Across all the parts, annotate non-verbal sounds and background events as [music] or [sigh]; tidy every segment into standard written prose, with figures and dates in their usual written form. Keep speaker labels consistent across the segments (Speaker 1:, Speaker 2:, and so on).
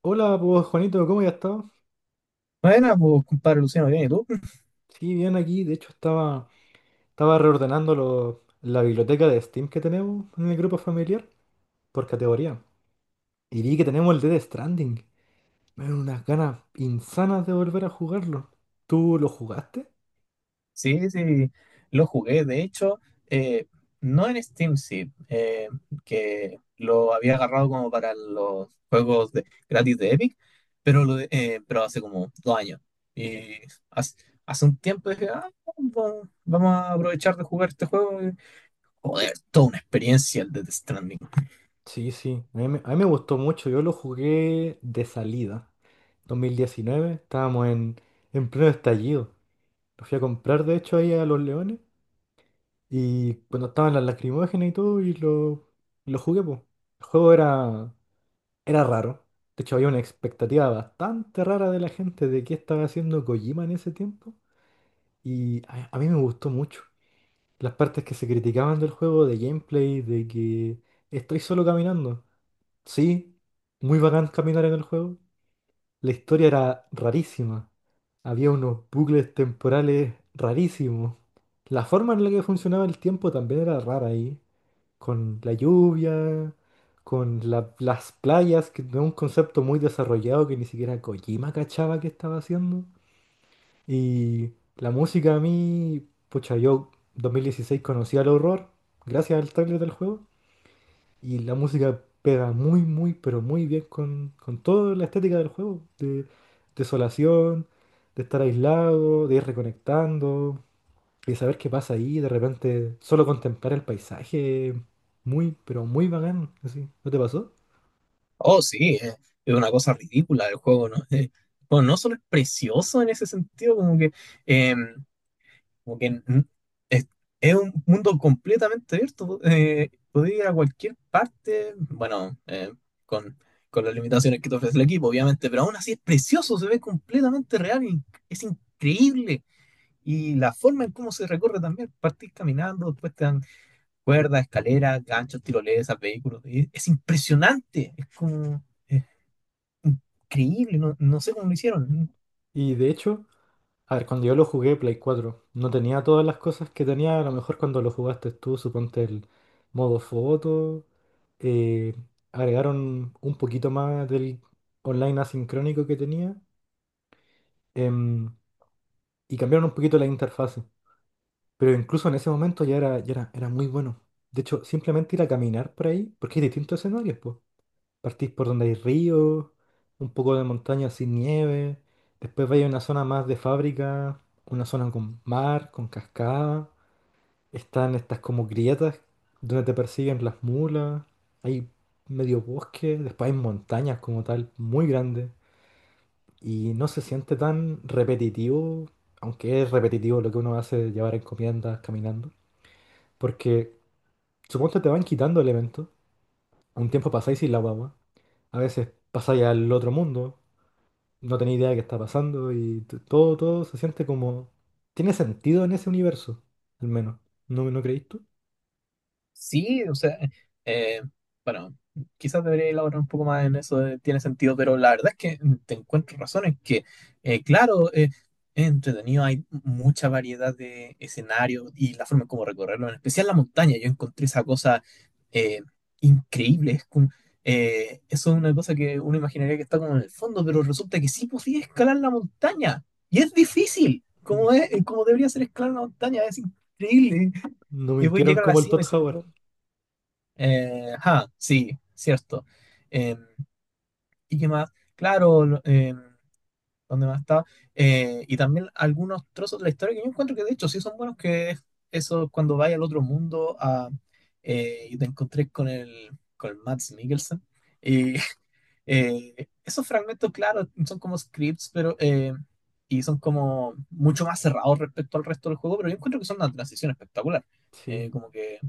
Speaker 1: Hola, pues Juanito, ¿cómo ya estás?
Speaker 2: Buena, pues, compadre Luciano, bien, ¿y tú?
Speaker 1: Sí, bien aquí. De hecho, estaba reordenando la biblioteca de Steam que tenemos en el grupo familiar por categoría. Y vi que tenemos el Dead Stranding. Me dan unas ganas insanas de volver a jugarlo. ¿Tú lo jugaste?
Speaker 2: Sí, sí, lo jugué. De hecho, eh, no en Steam, sí, que lo había agarrado como para los gratis de Epic, pero, pero hace como dos años. Y hace, hace un tiempo dije, ah, vamos a aprovechar de jugar este juego. Joder, toda una experiencia el Death Stranding.
Speaker 1: Sí, sí. A mí me gustó mucho. Yo lo jugué de salida. 2019, estábamos en pleno estallido. Lo fui a comprar, de hecho, ahí a Los Leones. Y cuando estaban las lacrimógenas y todo, y lo jugué, pues. El juego era raro. De hecho, había una expectativa bastante rara de la gente de qué estaba haciendo Kojima en ese tiempo. Y a mí me gustó mucho. Las partes que se criticaban del juego, de gameplay, de que estoy solo caminando. Sí, muy bacán caminar en el juego. La historia era rarísima. Había unos bucles temporales rarísimos. La forma en la que funcionaba el tiempo también era rara ahí con la lluvia, con las playas, que no es un concepto muy desarrollado que ni siquiera Kojima cachaba que estaba haciendo. Y la música a mí, pucha, yo 2016 conocí al horror gracias al trailer del juego. Y la música pega muy, muy, pero muy bien con toda la estética del juego. De desolación, de estar aislado, de ir reconectando. Y saber qué pasa ahí, de repente, solo contemplar el paisaje, muy, pero muy bacán, así, ¿no te pasó?
Speaker 2: Oh, sí, es una cosa ridícula el juego, ¿no? Bueno, no solo es precioso en ese sentido, como que, eh, como que n- es, es un mundo completamente abierto. Podés ir a cualquier parte, bueno, con, con las limitaciones que te ofrece el equipo, obviamente, pero aún así es precioso, se ve completamente real y es increíble. Y la forma en cómo se recorre también, partís caminando, después te dan cuerdas, escaleras, ganchos, tirolesas, vehículos. Es impresionante, es como es increíble, no sé cómo lo hicieron.
Speaker 1: Y de hecho, a ver, cuando yo lo jugué Play 4 no tenía todas las cosas que tenía, a lo mejor cuando lo jugaste tú, suponte el modo foto, eh, agregaron un poquito más del online asincrónico que tenía, em, y cambiaron un poquito la interfase. Pero incluso en ese momento era muy bueno. De hecho, simplemente ir a caminar por ahí, porque hay distintos escenarios. Partís por donde hay río, un poco de montaña sin nieve. Después vais a una zona más de fábrica, una zona con mar, con cascada. Están estas como grietas donde te persiguen las mulas. Hay medio bosque, después hay montañas como tal, muy grandes. Y no se siente tan repetitivo, aunque es repetitivo lo que uno hace de llevar encomiendas caminando. Porque suponte te van quitando elementos. Un tiempo pasáis sin la guagua. A veces pasáis al otro mundo. No tenía idea de qué está pasando y todo se siente como... Tiene sentido en ese universo, al menos. ¿No creíste tú?
Speaker 2: Sí, o sea, eh, bueno, quizás debería elaborar un poco más en eso, de tiene sentido, pero la verdad es que mm, te encuentro razones que, claro, es entretenido, hay mucha variedad de escenarios y la forma en cómo recorrerlo, en especial la montaña, yo encontré esa cosa eh, increíble, eso es una cosa que uno imaginaría que está como en el fondo, pero resulta que sí podía escalar la montaña, y es difícil,
Speaker 1: Sí.
Speaker 2: como es, como debería ser escalar la montaña, es increíble.
Speaker 1: No
Speaker 2: Y voy a
Speaker 1: mintieron
Speaker 2: llegar a la
Speaker 1: como el
Speaker 2: cima
Speaker 1: Todd
Speaker 2: y se ve
Speaker 1: Howard.
Speaker 2: todo, ajá, sí, cierto. Em, ¿y qué más? Claro, ¿dónde más estaba? Y también algunos trozos de la historia que yo encuentro que de hecho sí son buenos, que es eso cuando vaya al otro mundo a, y te encontré con con el Mads Mikkelsen. Y [laughs] eh, esos fragmentos, claro, son como scripts, pero y son como mucho más cerrados respecto al resto del juego, pero yo encuentro que son una transición espectacular.
Speaker 1: Sí,
Speaker 2: Como que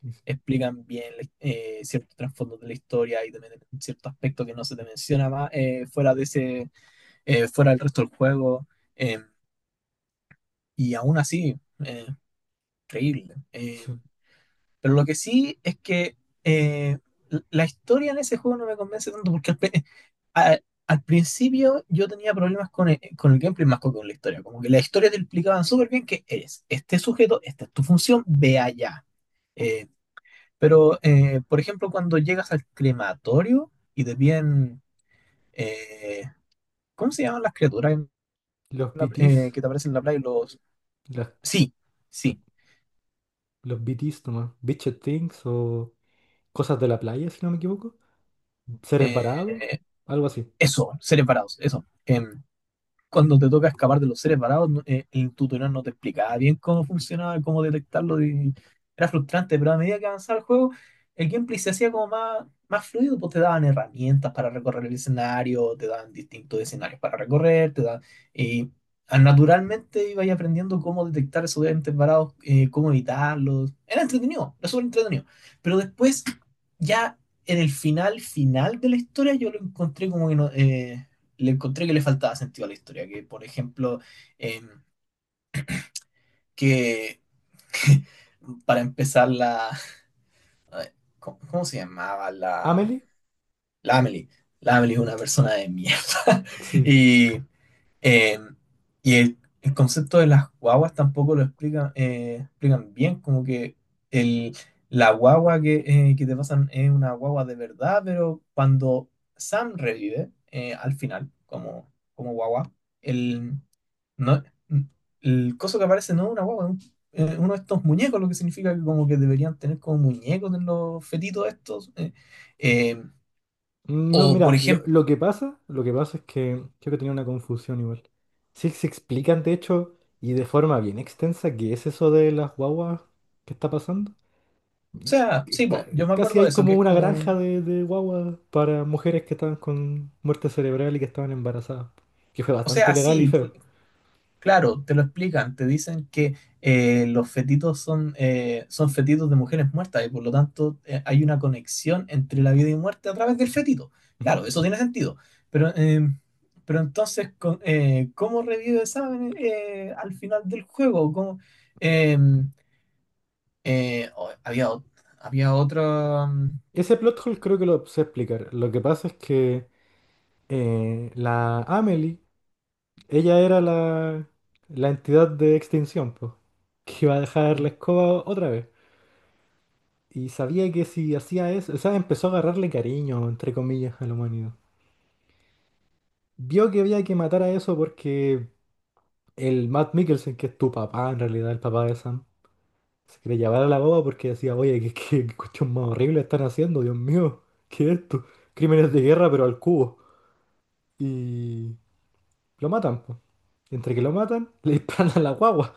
Speaker 1: sí, sí.
Speaker 2: explican bien, ciertos trasfondos de la historia y también cierto aspecto que no se te menciona más, fuera de ese, fuera del resto del juego. eh, y aún así, eh, increíble.
Speaker 1: Sí.
Speaker 2: Pero lo que sí es que eh, la historia en ese juego no me convence tanto porque a- al principio yo tenía problemas con con el gameplay más que con la historia. Como que la historia te explicaban súper bien que eres este sujeto, esta es tu función, ve allá. eh, Pero, por ejemplo, cuando llegas al crematorio y te piden, eh, ¿cómo se llaman las criaturas en
Speaker 1: Los BTs,
Speaker 2: que te aparecen en la playa? Los...
Speaker 1: las-
Speaker 2: Sí, sí.
Speaker 1: los BTs nomás, Bitched Things o cosas de la playa, si no me equivoco. Seres varados,
Speaker 2: eh,
Speaker 1: algo así.
Speaker 2: Eso, seres varados, eso. Em, cuando te toca escapar de los seres varados, el tutorial no te explicaba bien cómo funcionaba, cómo detectarlo. Y era frustrante, pero a medida que avanzaba el juego, el gameplay se hacía como más fluido, pues te daban herramientas para recorrer el escenario, te daban distintos escenarios para recorrer, te daban... Y ah, naturalmente ibas aprendiendo cómo detectar esos entes varados, cómo evitarlos. Era entretenido, era súper entretenido. Pero después, ya en el final de la historia, yo lo encontré como que no... le encontré que le faltaba sentido a la historia, que por ejemplo, em, que [laughs] para empezar la, ¿cómo, cómo se llamaba? La,
Speaker 1: Amelie,
Speaker 2: la Amelie. La Amelie es una persona de mierda. [laughs]
Speaker 1: sí.
Speaker 2: Y eh, y el concepto de las guaguas tampoco lo explican, explican bien, como que el, la guagua que te pasan es una guagua de verdad, pero cuando Sam revive, al final, como, como guagua, el, no, el coso que aparece no es una guagua, es uno de estos muñecos, lo que significa que como que deberían tener como muñecos en los fetitos estos. Eh,
Speaker 1: No,
Speaker 2: o por
Speaker 1: mira, lo,
Speaker 2: ejemplo,
Speaker 1: lo que pasa, lo que pasa es que creo que tenía una confusión igual. Sí, se explican de hecho y de forma bien extensa qué es eso de las guaguas que está pasando.
Speaker 2: o
Speaker 1: Y
Speaker 2: sea, sí,
Speaker 1: ca-
Speaker 2: po, yo me
Speaker 1: casi
Speaker 2: acuerdo de
Speaker 1: hay
Speaker 2: eso, que
Speaker 1: como
Speaker 2: es
Speaker 1: una
Speaker 2: como...
Speaker 1: granja de guaguas para mujeres que estaban con muerte cerebral y que estaban embarazadas, que fue
Speaker 2: O
Speaker 1: bastante
Speaker 2: sea,
Speaker 1: ilegal y
Speaker 2: sí,
Speaker 1: feo.
Speaker 2: claro, te lo explican, te dicen que, los fetitos son, son fetitos de mujeres muertas y por lo tanto, hay una conexión entre la vida y muerte a través del fetito.
Speaker 1: Ujú.
Speaker 2: Claro, eso tiene sentido. Pero, eh, pero entonces, ¿cómo revive Saben, al final del juego? ¿Cómo, eh, había, había otro.
Speaker 1: Ese plot hole creo que lo sé explicar. Lo que pasa es que la Amelie, ella era la entidad de extinción, pues, que iba a dejar la escoba otra vez. Y sabía que si hacía eso, o sea, empezó a agarrarle cariño, entre comillas, a la humanidad. Vio que había que matar a eso porque el Matt Mikkelsen, que es tu papá, en realidad, el papá de Sam, se quería llevar a la boba porque decía, oye, qué cuestión más horrible están haciendo, Dios mío, ¿qué es esto? Crímenes de guerra, pero al cubo. Y lo matan, pues. Entre que lo matan, le disparan a la guagua.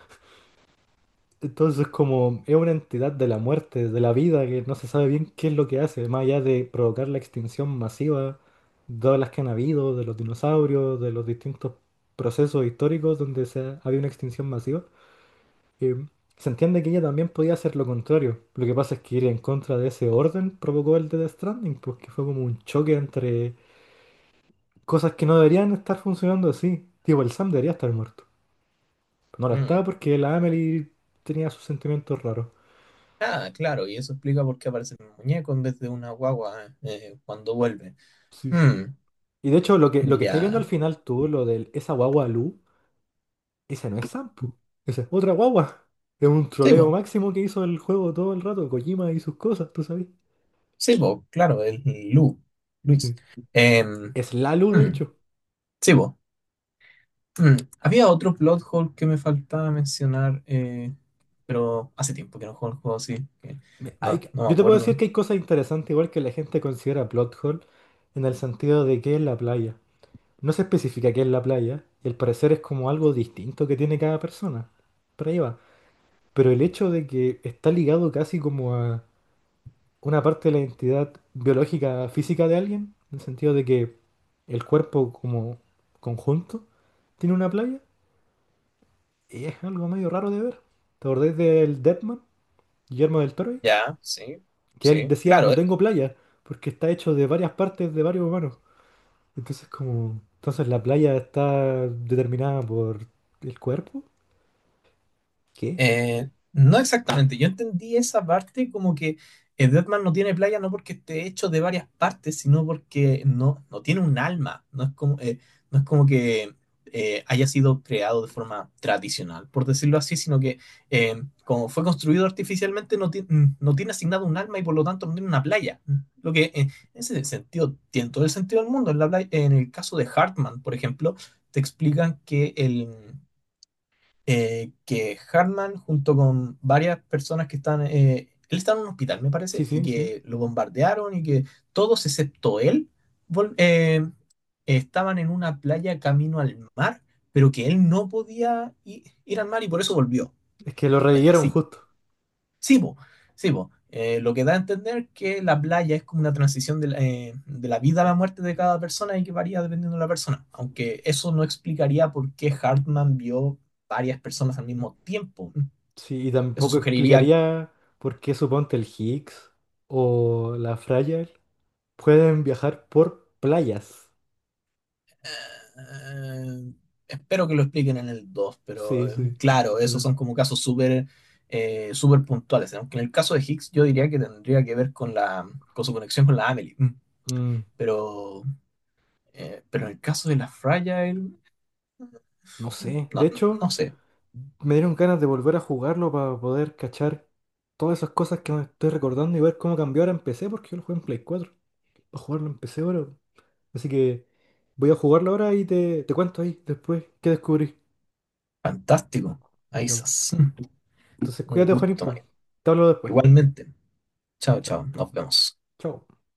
Speaker 1: Entonces, como es una entidad de la muerte, de la vida, que no se sabe bien qué es lo que hace, más allá de provocar la extinción masiva de todas las que han habido, de los dinosaurios, de los distintos procesos históricos donde había una extinción masiva, eh, se entiende que ella también podía hacer lo contrario. Lo que pasa es que ir en contra de ese orden provocó el de Death Stranding, porque fue como un choque entre cosas que no deberían estar funcionando así. Tipo, el Sam debería estar muerto. No lo estaba
Speaker 2: Mm.
Speaker 1: porque la Amelie tenía sus sentimientos raros.
Speaker 2: Ah, claro, y eso explica por qué aparece un muñeco en vez de una guagua, cuando vuelve.
Speaker 1: Sí, sí.
Speaker 2: Mm,
Speaker 1: Y de hecho, lo que estáis viendo al
Speaker 2: ya.
Speaker 1: final tú, lo del esa guagua Lu, ese no es Sampu, esa es otra guagua. Es un
Speaker 2: Sí,
Speaker 1: troleo
Speaker 2: bo.
Speaker 1: máximo que hizo el juego todo el rato, Kojima y sus cosas, tú sabes.
Speaker 2: Sí, bo, claro, el Lu, Luis.
Speaker 1: Sí.
Speaker 2: Em,
Speaker 1: Es la Lu, de
Speaker 2: mm,
Speaker 1: hecho.
Speaker 2: sí, bo. Mm, había otro plot hole que me faltaba mencionar, pero hace tiempo que no juego el juego así, que
Speaker 1: Me- hay
Speaker 2: no,
Speaker 1: que-
Speaker 2: no me
Speaker 1: yo te puedo
Speaker 2: acuerdo.
Speaker 1: decir que hay cosas interesantes, igual que la gente considera plot hole, en el sentido de que es la playa. No se especifica qué es la playa, y al parecer es como algo distinto que tiene cada persona. Por ahí va. Pero el hecho de que está ligado casi como una parte de la identidad biológica, física de alguien, en el sentido de que el cuerpo como conjunto tiene una playa, y es algo medio raro de ver. ¿Te acordás del Deadman, Guillermo del Toro?
Speaker 2: Ya, sí,
Speaker 1: Que él
Speaker 2: sí,
Speaker 1: decía,
Speaker 2: claro.
Speaker 1: no tengo playa, porque está hecho de varias partes de varios humanos. Entonces la playa está determinada por el cuerpo. ¿Qué?
Speaker 2: No exactamente. Yo entendí esa parte como que, Deathman no tiene playa no porque esté hecho de varias partes, sino porque no tiene un alma. No es como, no es como que, haya sido creado de forma tradicional, por decirlo así, sino que, como fue construido artificialmente, no, mm, no tiene asignado un alma y por lo tanto no tiene una playa. Mm, lo que, en ese sentido tiene todo el sentido del mundo. En la en el caso de Hartman, por ejemplo, te explican que el que Hartman, junto con varias personas que están, él está en un hospital, me
Speaker 1: Sí,
Speaker 2: parece, y
Speaker 1: sí, sí.
Speaker 2: que lo bombardearon y que todos excepto él vol- eh, estaban en una playa camino al mar, pero que él no podía ir al mar y por eso volvió.
Speaker 1: Es que lo revivieron
Speaker 2: Así
Speaker 1: justo.
Speaker 2: sí, po, sí, po. Lo que da a entender que la playa es como una transición de la vida a la muerte de cada persona y que varía dependiendo de la persona. Aunque eso no explicaría por qué Hartman vio varias personas al mismo tiempo.
Speaker 1: Sí, y
Speaker 2: Eso
Speaker 1: tampoco
Speaker 2: sugeriría...
Speaker 1: explicaría por qué suponte el Higgs o la Fragile pueden viajar por playas.
Speaker 2: eh, espero que lo expliquen en el 2, pero,
Speaker 1: Sí, sí,
Speaker 2: claro, esos
Speaker 1: ojalá.
Speaker 2: son como casos súper, súper puntuales. Aunque en el caso de Higgs yo diría que tendría que ver con, la, con su conexión con la Amelie. Mm.
Speaker 1: Mm,
Speaker 2: Pero, pero en el caso de la Fragile...
Speaker 1: no sé. De
Speaker 2: No,
Speaker 1: hecho,
Speaker 2: no sé.
Speaker 1: me dieron ganas de volver a jugarlo para poder cachar todas esas cosas que me estoy recordando y ver cómo cambió ahora en PC, porque yo lo jugué en Play 4. Para jugarlo en PC ahora. Así que voy a jugarlo ahora y te cuento ahí después qué descubrí.
Speaker 2: Fantástico. Ahí
Speaker 1: Ya, pues.
Speaker 2: estás. [laughs]
Speaker 1: Entonces,
Speaker 2: Un
Speaker 1: cuídate, Juanín,
Speaker 2: gusto, Mario.
Speaker 1: po. Te hablo después.
Speaker 2: Igualmente. Chao,
Speaker 1: Chao.
Speaker 2: chao. Nos vemos.
Speaker 1: Chao.